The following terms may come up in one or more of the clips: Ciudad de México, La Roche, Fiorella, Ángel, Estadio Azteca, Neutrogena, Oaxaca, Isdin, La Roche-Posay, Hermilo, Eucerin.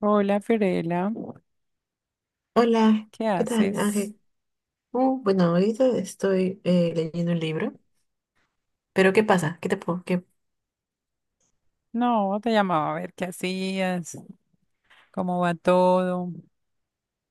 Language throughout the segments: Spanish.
Hola Fiorella, Hola, ¿qué ¿qué tal, haces? Ángel? Bueno, ahorita estoy leyendo un libro, pero ¿qué pasa? ¿Qué te puedo? No, te llamaba a ver qué hacías, cómo va todo.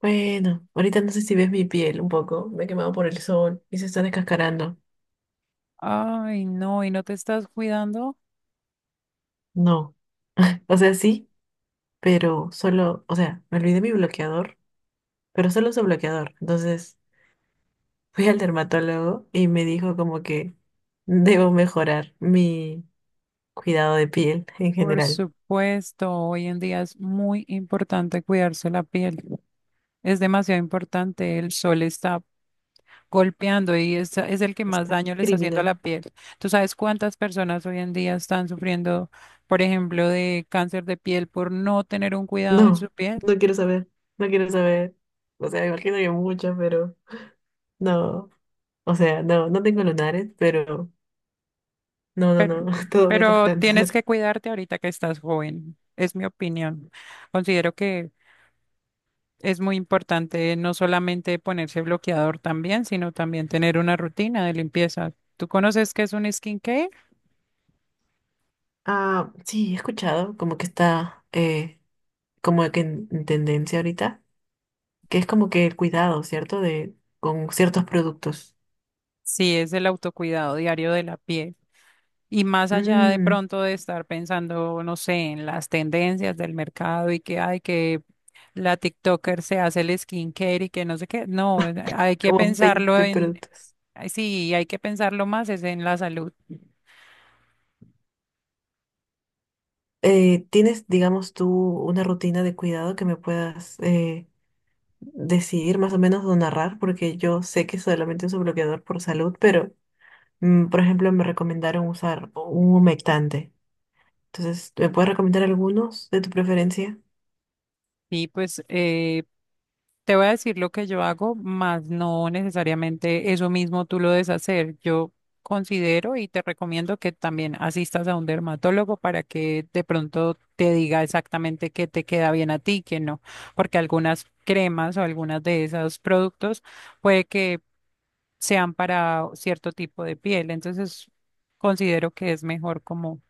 Bueno, ahorita no sé si ves mi piel un poco, me he quemado por el sol y se está descascarando. Ay, no, ¿y no te estás cuidando? No. O sea, sí, pero solo, o sea, me olvidé mi bloqueador, pero solo su bloqueador. Entonces fui al dermatólogo y me dijo como que debo mejorar mi cuidado de piel en Por general. supuesto, hoy en día es muy importante cuidarse la piel. Es demasiado importante, el sol está golpeando y es el que más Está daño le está haciendo a la criminal. piel. ¿Tú sabes cuántas personas hoy en día están sufriendo, por ejemplo, de cáncer de piel por no tener un cuidado en su No, piel? no quiero saber, no quiero saber. O sea, imagino que muchas, pero no. O sea, no, no tengo lunares, pero no, no, Pero, no, todo menos pero tienes cáncer. que cuidarte ahorita que estás joven, es mi opinión. Considero que es muy importante no solamente ponerse bloqueador también, sino también tener una rutina de limpieza. ¿Tú conoces qué es un skincare? Ah, sí, he escuchado como que está, como que en tendencia ahorita, que es como que el cuidado, ¿cierto? De, con ciertos productos. Sí, es el autocuidado diario de la piel. Y más allá de Mm, pronto de estar pensando, no sé, en las tendencias del mercado y que hay que la TikToker se hace el skincare y que no sé qué. No, hay que como pensarlo. 20 Ay, productos. sí, hay que pensarlo más, es en la salud. ¿Tienes, digamos, tú una rutina de cuidado que me puedas, decidir más o menos o narrar, porque yo sé que solamente uso bloqueador por salud, pero por ejemplo me recomendaron usar un humectante. Entonces, ¿me puedes recomendar algunos de tu preferencia? Sí, pues te voy a decir lo que yo hago, más no necesariamente eso mismo tú lo debes hacer. Yo considero y te recomiendo que también asistas a un dermatólogo para que de pronto te diga exactamente qué te queda bien a ti, qué no, porque algunas cremas o algunas de esos productos puede que sean para cierto tipo de piel. Entonces, considero que es mejor como,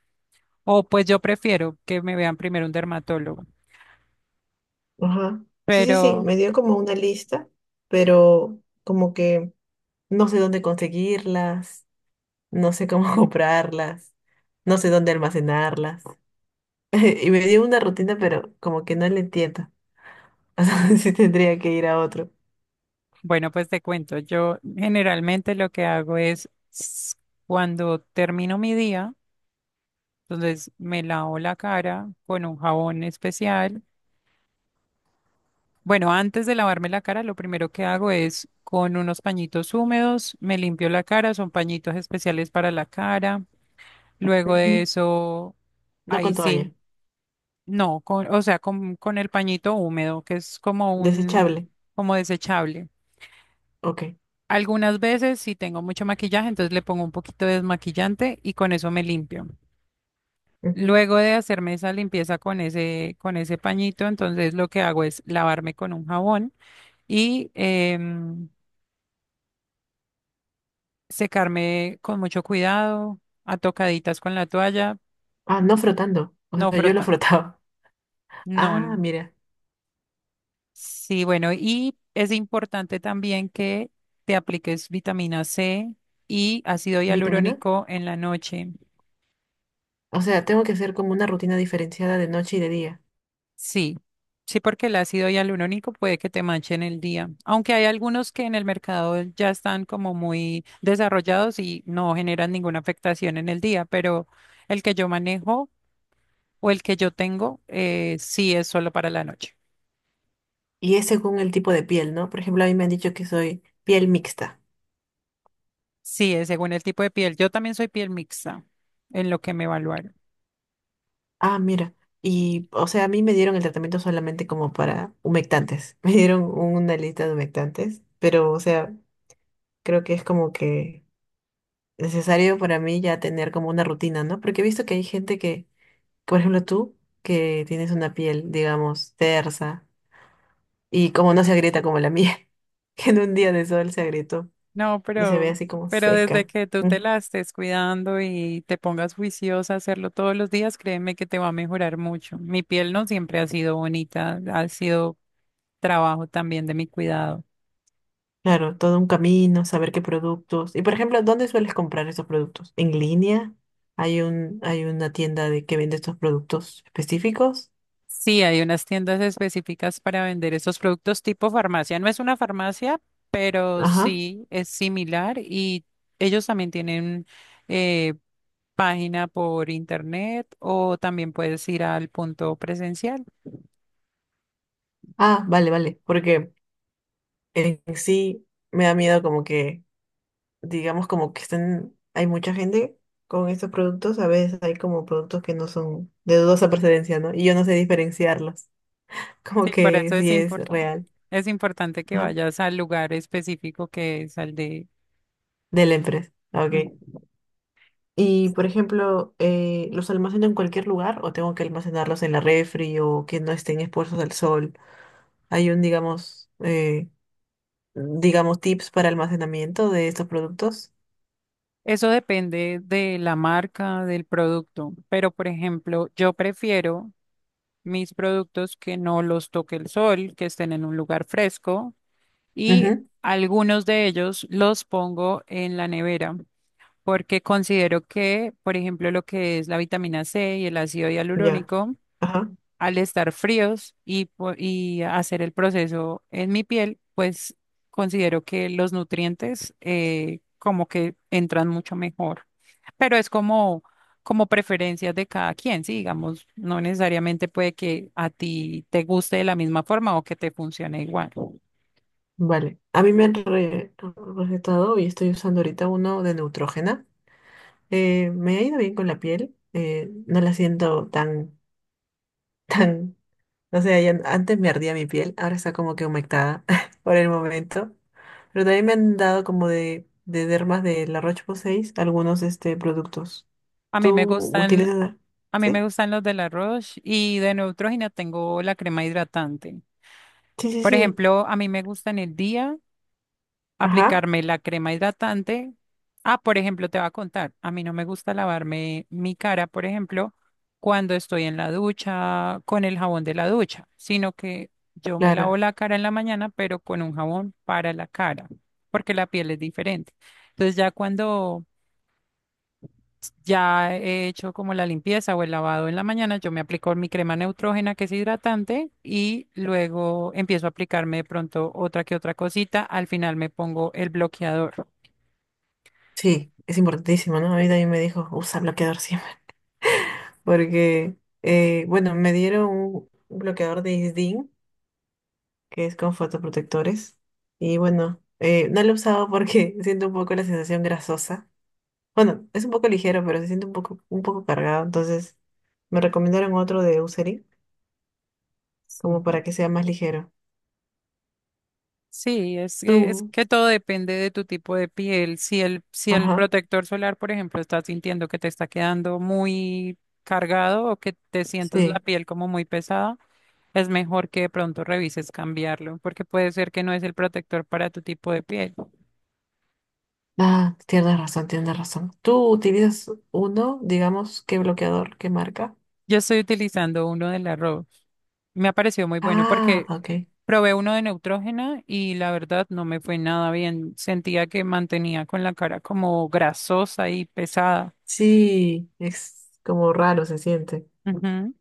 o pues yo prefiero que me vean primero un dermatólogo. Ajá. Sí, sí, sí, Pero me dio como una lista, pero como que no sé dónde conseguirlas, no sé cómo comprarlas, no sé dónde almacenarlas. Y me dio una rutina, pero como que no le entiendo. O sea, sí tendría que ir a otro. bueno, pues te cuento, yo generalmente lo que hago es cuando termino mi día, entonces me lavo la cara con un jabón especial. Bueno, antes de lavarme la cara, lo primero que hago es con unos pañitos húmedos, me limpio la cara, son pañitos especiales para la cara. Luego de Ujú. eso, No con ahí sí. toalla, No, con, o sea, con el pañito húmedo, que es como un, desechable. como desechable. Ok. Algunas veces, si tengo mucho maquillaje, entonces le pongo un poquito de desmaquillante y con eso me limpio. Ujú. Luego de hacerme esa limpieza con ese pañito, entonces lo que hago es lavarme con un jabón y em, secarme con mucho cuidado, a tocaditas con la toalla, Ah, no frotando. O no sea, yo lo frotando. frotaba. Ah, No, mira. sí, bueno, y es importante también que te apliques vitamina C y ácido ¿Vitamina? hialurónico en la noche. O sea, tengo que hacer como una rutina diferenciada de noche y de día. Sí, sí, porque el ácido hialurónico puede que te manche en el día, aunque hay algunos que en el mercado ya están como muy desarrollados y no generan ninguna afectación en el día, pero el que yo manejo o el que yo tengo, sí es solo para la noche. Y es según el tipo de piel, ¿no? Por ejemplo, a mí me han dicho que soy piel mixta. Sí, es según el tipo de piel. Yo también soy piel mixta en lo que me evaluaron. Ah, mira. Y, o sea, a mí me dieron el tratamiento solamente como para humectantes. Me dieron una lista de humectantes. Pero, o sea, creo que es como que necesario para mí ya tener como una rutina, ¿no? Porque he visto que hay gente que, por ejemplo, tú, que tienes una piel, digamos, tersa, y como no se agrieta como la mía, que en un día de sol se agrietó No, y se ve así como pero desde seca. que tú te Ujú. la estés cuidando y te pongas juiciosa a hacerlo todos los días, créeme que te va a mejorar mucho. Mi piel no siempre ha sido bonita, ha sido trabajo también de mi cuidado. Claro, todo un camino, saber qué productos. Y por ejemplo, ¿dónde sueles comprar esos productos? ¿En línea? Hay una tienda de que vende estos productos específicos? Sí, hay unas tiendas específicas para vender esos productos tipo farmacia. No es una farmacia, pero Ajá. sí es similar y ellos también tienen eh, página por internet o también puedes ir al punto presencial. Ah, vale, vale. Porque en sí me da miedo como que, digamos, como que están, hay mucha gente con estos productos. A veces hay como productos que no son de dudosa procedencia, ¿no? Y yo no sé diferenciarlos. Como Sí, por que eso es sí es real. es importante que Ajá. vayas al lugar específico que es al de... De la empresa. Ok. Ujú. Y, por ejemplo, ¿los almaceno en cualquier lugar o tengo que almacenarlos en la refri o que no estén expuestos al sol? Hay un, digamos, digamos, tips para almacenamiento de estos productos. Eso depende de la marca, del producto, pero por ejemplo, yo prefiero mis productos que no los toque el sol, que estén en un lugar fresco y Ujú. algunos de ellos los pongo en la nevera porque considero que, por ejemplo, lo que es la vitamina C y el ácido Ya. hialurónico, Ajá. al estar fríos y, y hacer el proceso en mi piel, pues considero que los nutrientes como que entran mucho mejor. Pero es como, como preferencias de cada quien, sí, digamos, no necesariamente puede que a ti te guste de la misma forma o que te funcione igual. Vale. A mí me han recetado y estoy usando ahorita uno de Neutrogena. Me ha ido bien con la piel. No la siento tan, tan. No sé, antes me ardía mi piel, ahora está como que humectada por el momento. Pero también me han dado como de dermas de La Roche-Posay algunos, productos. A mí ¿Tú me gustan, utilizas? a mí me ¿Sí? gustan los de La Roche y de Neutrogena tengo la crema hidratante. Sí, sí, Por sí. ejemplo, a mí me gusta en el día Ajá, aplicarme la crema hidratante. Ah, por ejemplo, te va a contar, a mí no me gusta lavarme mi cara, por ejemplo, cuando estoy en la ducha con el jabón de la ducha, sino que yo me lavo claro. la cara en la mañana, pero con un jabón para la cara, porque la piel es diferente. Entonces ya cuando ya he hecho como la limpieza o el lavado en la mañana, yo me aplico mi crema neutrógena que es hidratante y luego empiezo a aplicarme de pronto otra que otra cosita. Al final me pongo el bloqueador. Sí, es importantísimo, ¿no? A mí también me dijo, usa bloqueador siempre. Porque, bueno, me dieron un bloqueador de Isdin, que es con fotoprotectores. Y bueno, no lo he usado porque siento un poco la sensación grasosa. Bueno, es un poco ligero, pero se siente un poco cargado. Entonces, me recomendaron otro de Eucerin, Sí, como para que sea más ligero. sí, es Tú, que todo depende de tu tipo de piel. Si el ajá, protector solar, por ejemplo, estás sintiendo que te está quedando muy cargado o que te sientes la sí. piel como muy pesada, es mejor que de pronto revises cambiarlo, porque puede ser que no es el protector para tu tipo de piel. Ah, tienes razón, tienes razón. Tú utilizas uno, digamos, ¿qué bloqueador, qué marca? Yo estoy utilizando uno de la Rose. Me ha parecido muy bueno Ah, porque ok. probé uno de Neutrógena y la verdad no me fue nada bien. Sentía que mantenía con la cara como grasosa y pesada. Sí, es como raro se siente. Ujú.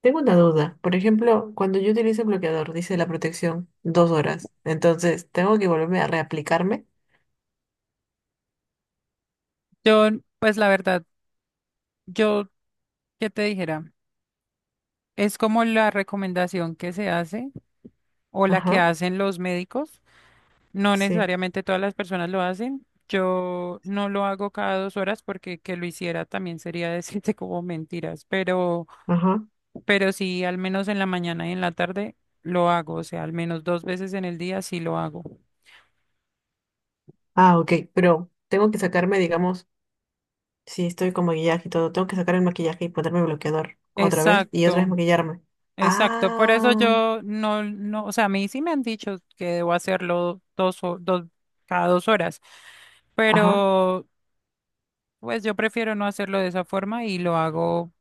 Tengo una duda. Por ejemplo, cuando yo utilizo el bloqueador, dice la protección, 2 horas. Entonces, ¿tengo que volverme a reaplicarme? Yo, pues la verdad, yo, ¿qué te dijera? Es como la recomendación que se hace o la que Ajá, hacen los médicos. No sí, necesariamente todas las personas lo hacen. Yo no lo hago cada 2 horas porque que lo hiciera también sería decirte como mentiras, ajá. pero sí, al menos en la mañana y en la tarde lo hago, o sea, al menos 2 veces en el día sí lo hago. Ah, ok, pero tengo que sacarme, digamos, si estoy con maquillaje y todo, tengo que sacar el maquillaje y ponerme bloqueador otra vez y otra vez Exacto. maquillarme. Exacto, por eso Ah, yo no, no, o sea, a mí sí me han dicho que debo hacerlo dos, cada 2 horas, ajá, pero pues yo prefiero no hacerlo de esa forma y lo hago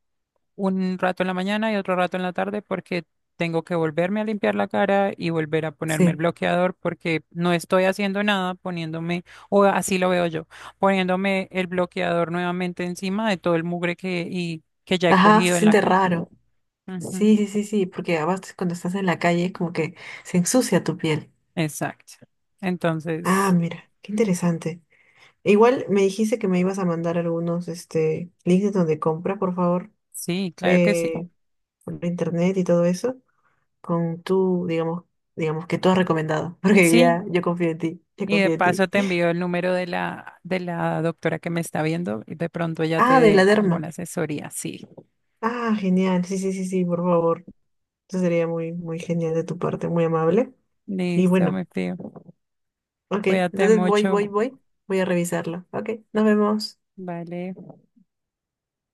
un rato en la mañana y otro rato en la tarde porque tengo que volverme a limpiar la cara y volver a ponerme el sí. bloqueador porque no estoy haciendo nada poniéndome, o así lo veo yo, poniéndome el bloqueador nuevamente encima de todo el mugre que, y, que ya he Ajá, se cogido en la siente casa. raro. Sí, Ujú. sí, sí, sí, porque además cuando estás en la calle como que se ensucia tu piel. Exacto. Entonces, Ah, mira, qué interesante. Igual me dijiste que me ibas a mandar algunos, links de donde compra, por favor, sí, claro que sí. eh, por internet y todo eso. Con tu, digamos que tú has recomendado, porque Sí, ya yo confío en ti, yo y de confío en paso ti. te envío el número de la doctora que me está viendo y de pronto ya te Ah, de la dé derma. alguna asesoría. Sí. Ah, genial, sí, sí, sí, sí, por favor. Eso sería muy, muy genial de tu parte, muy amable. Y Listo, bueno, me pido. ok, Cuídate entonces voy, voy, mucho. voy, voy a revisarlo. Ok, nos vemos. Vale.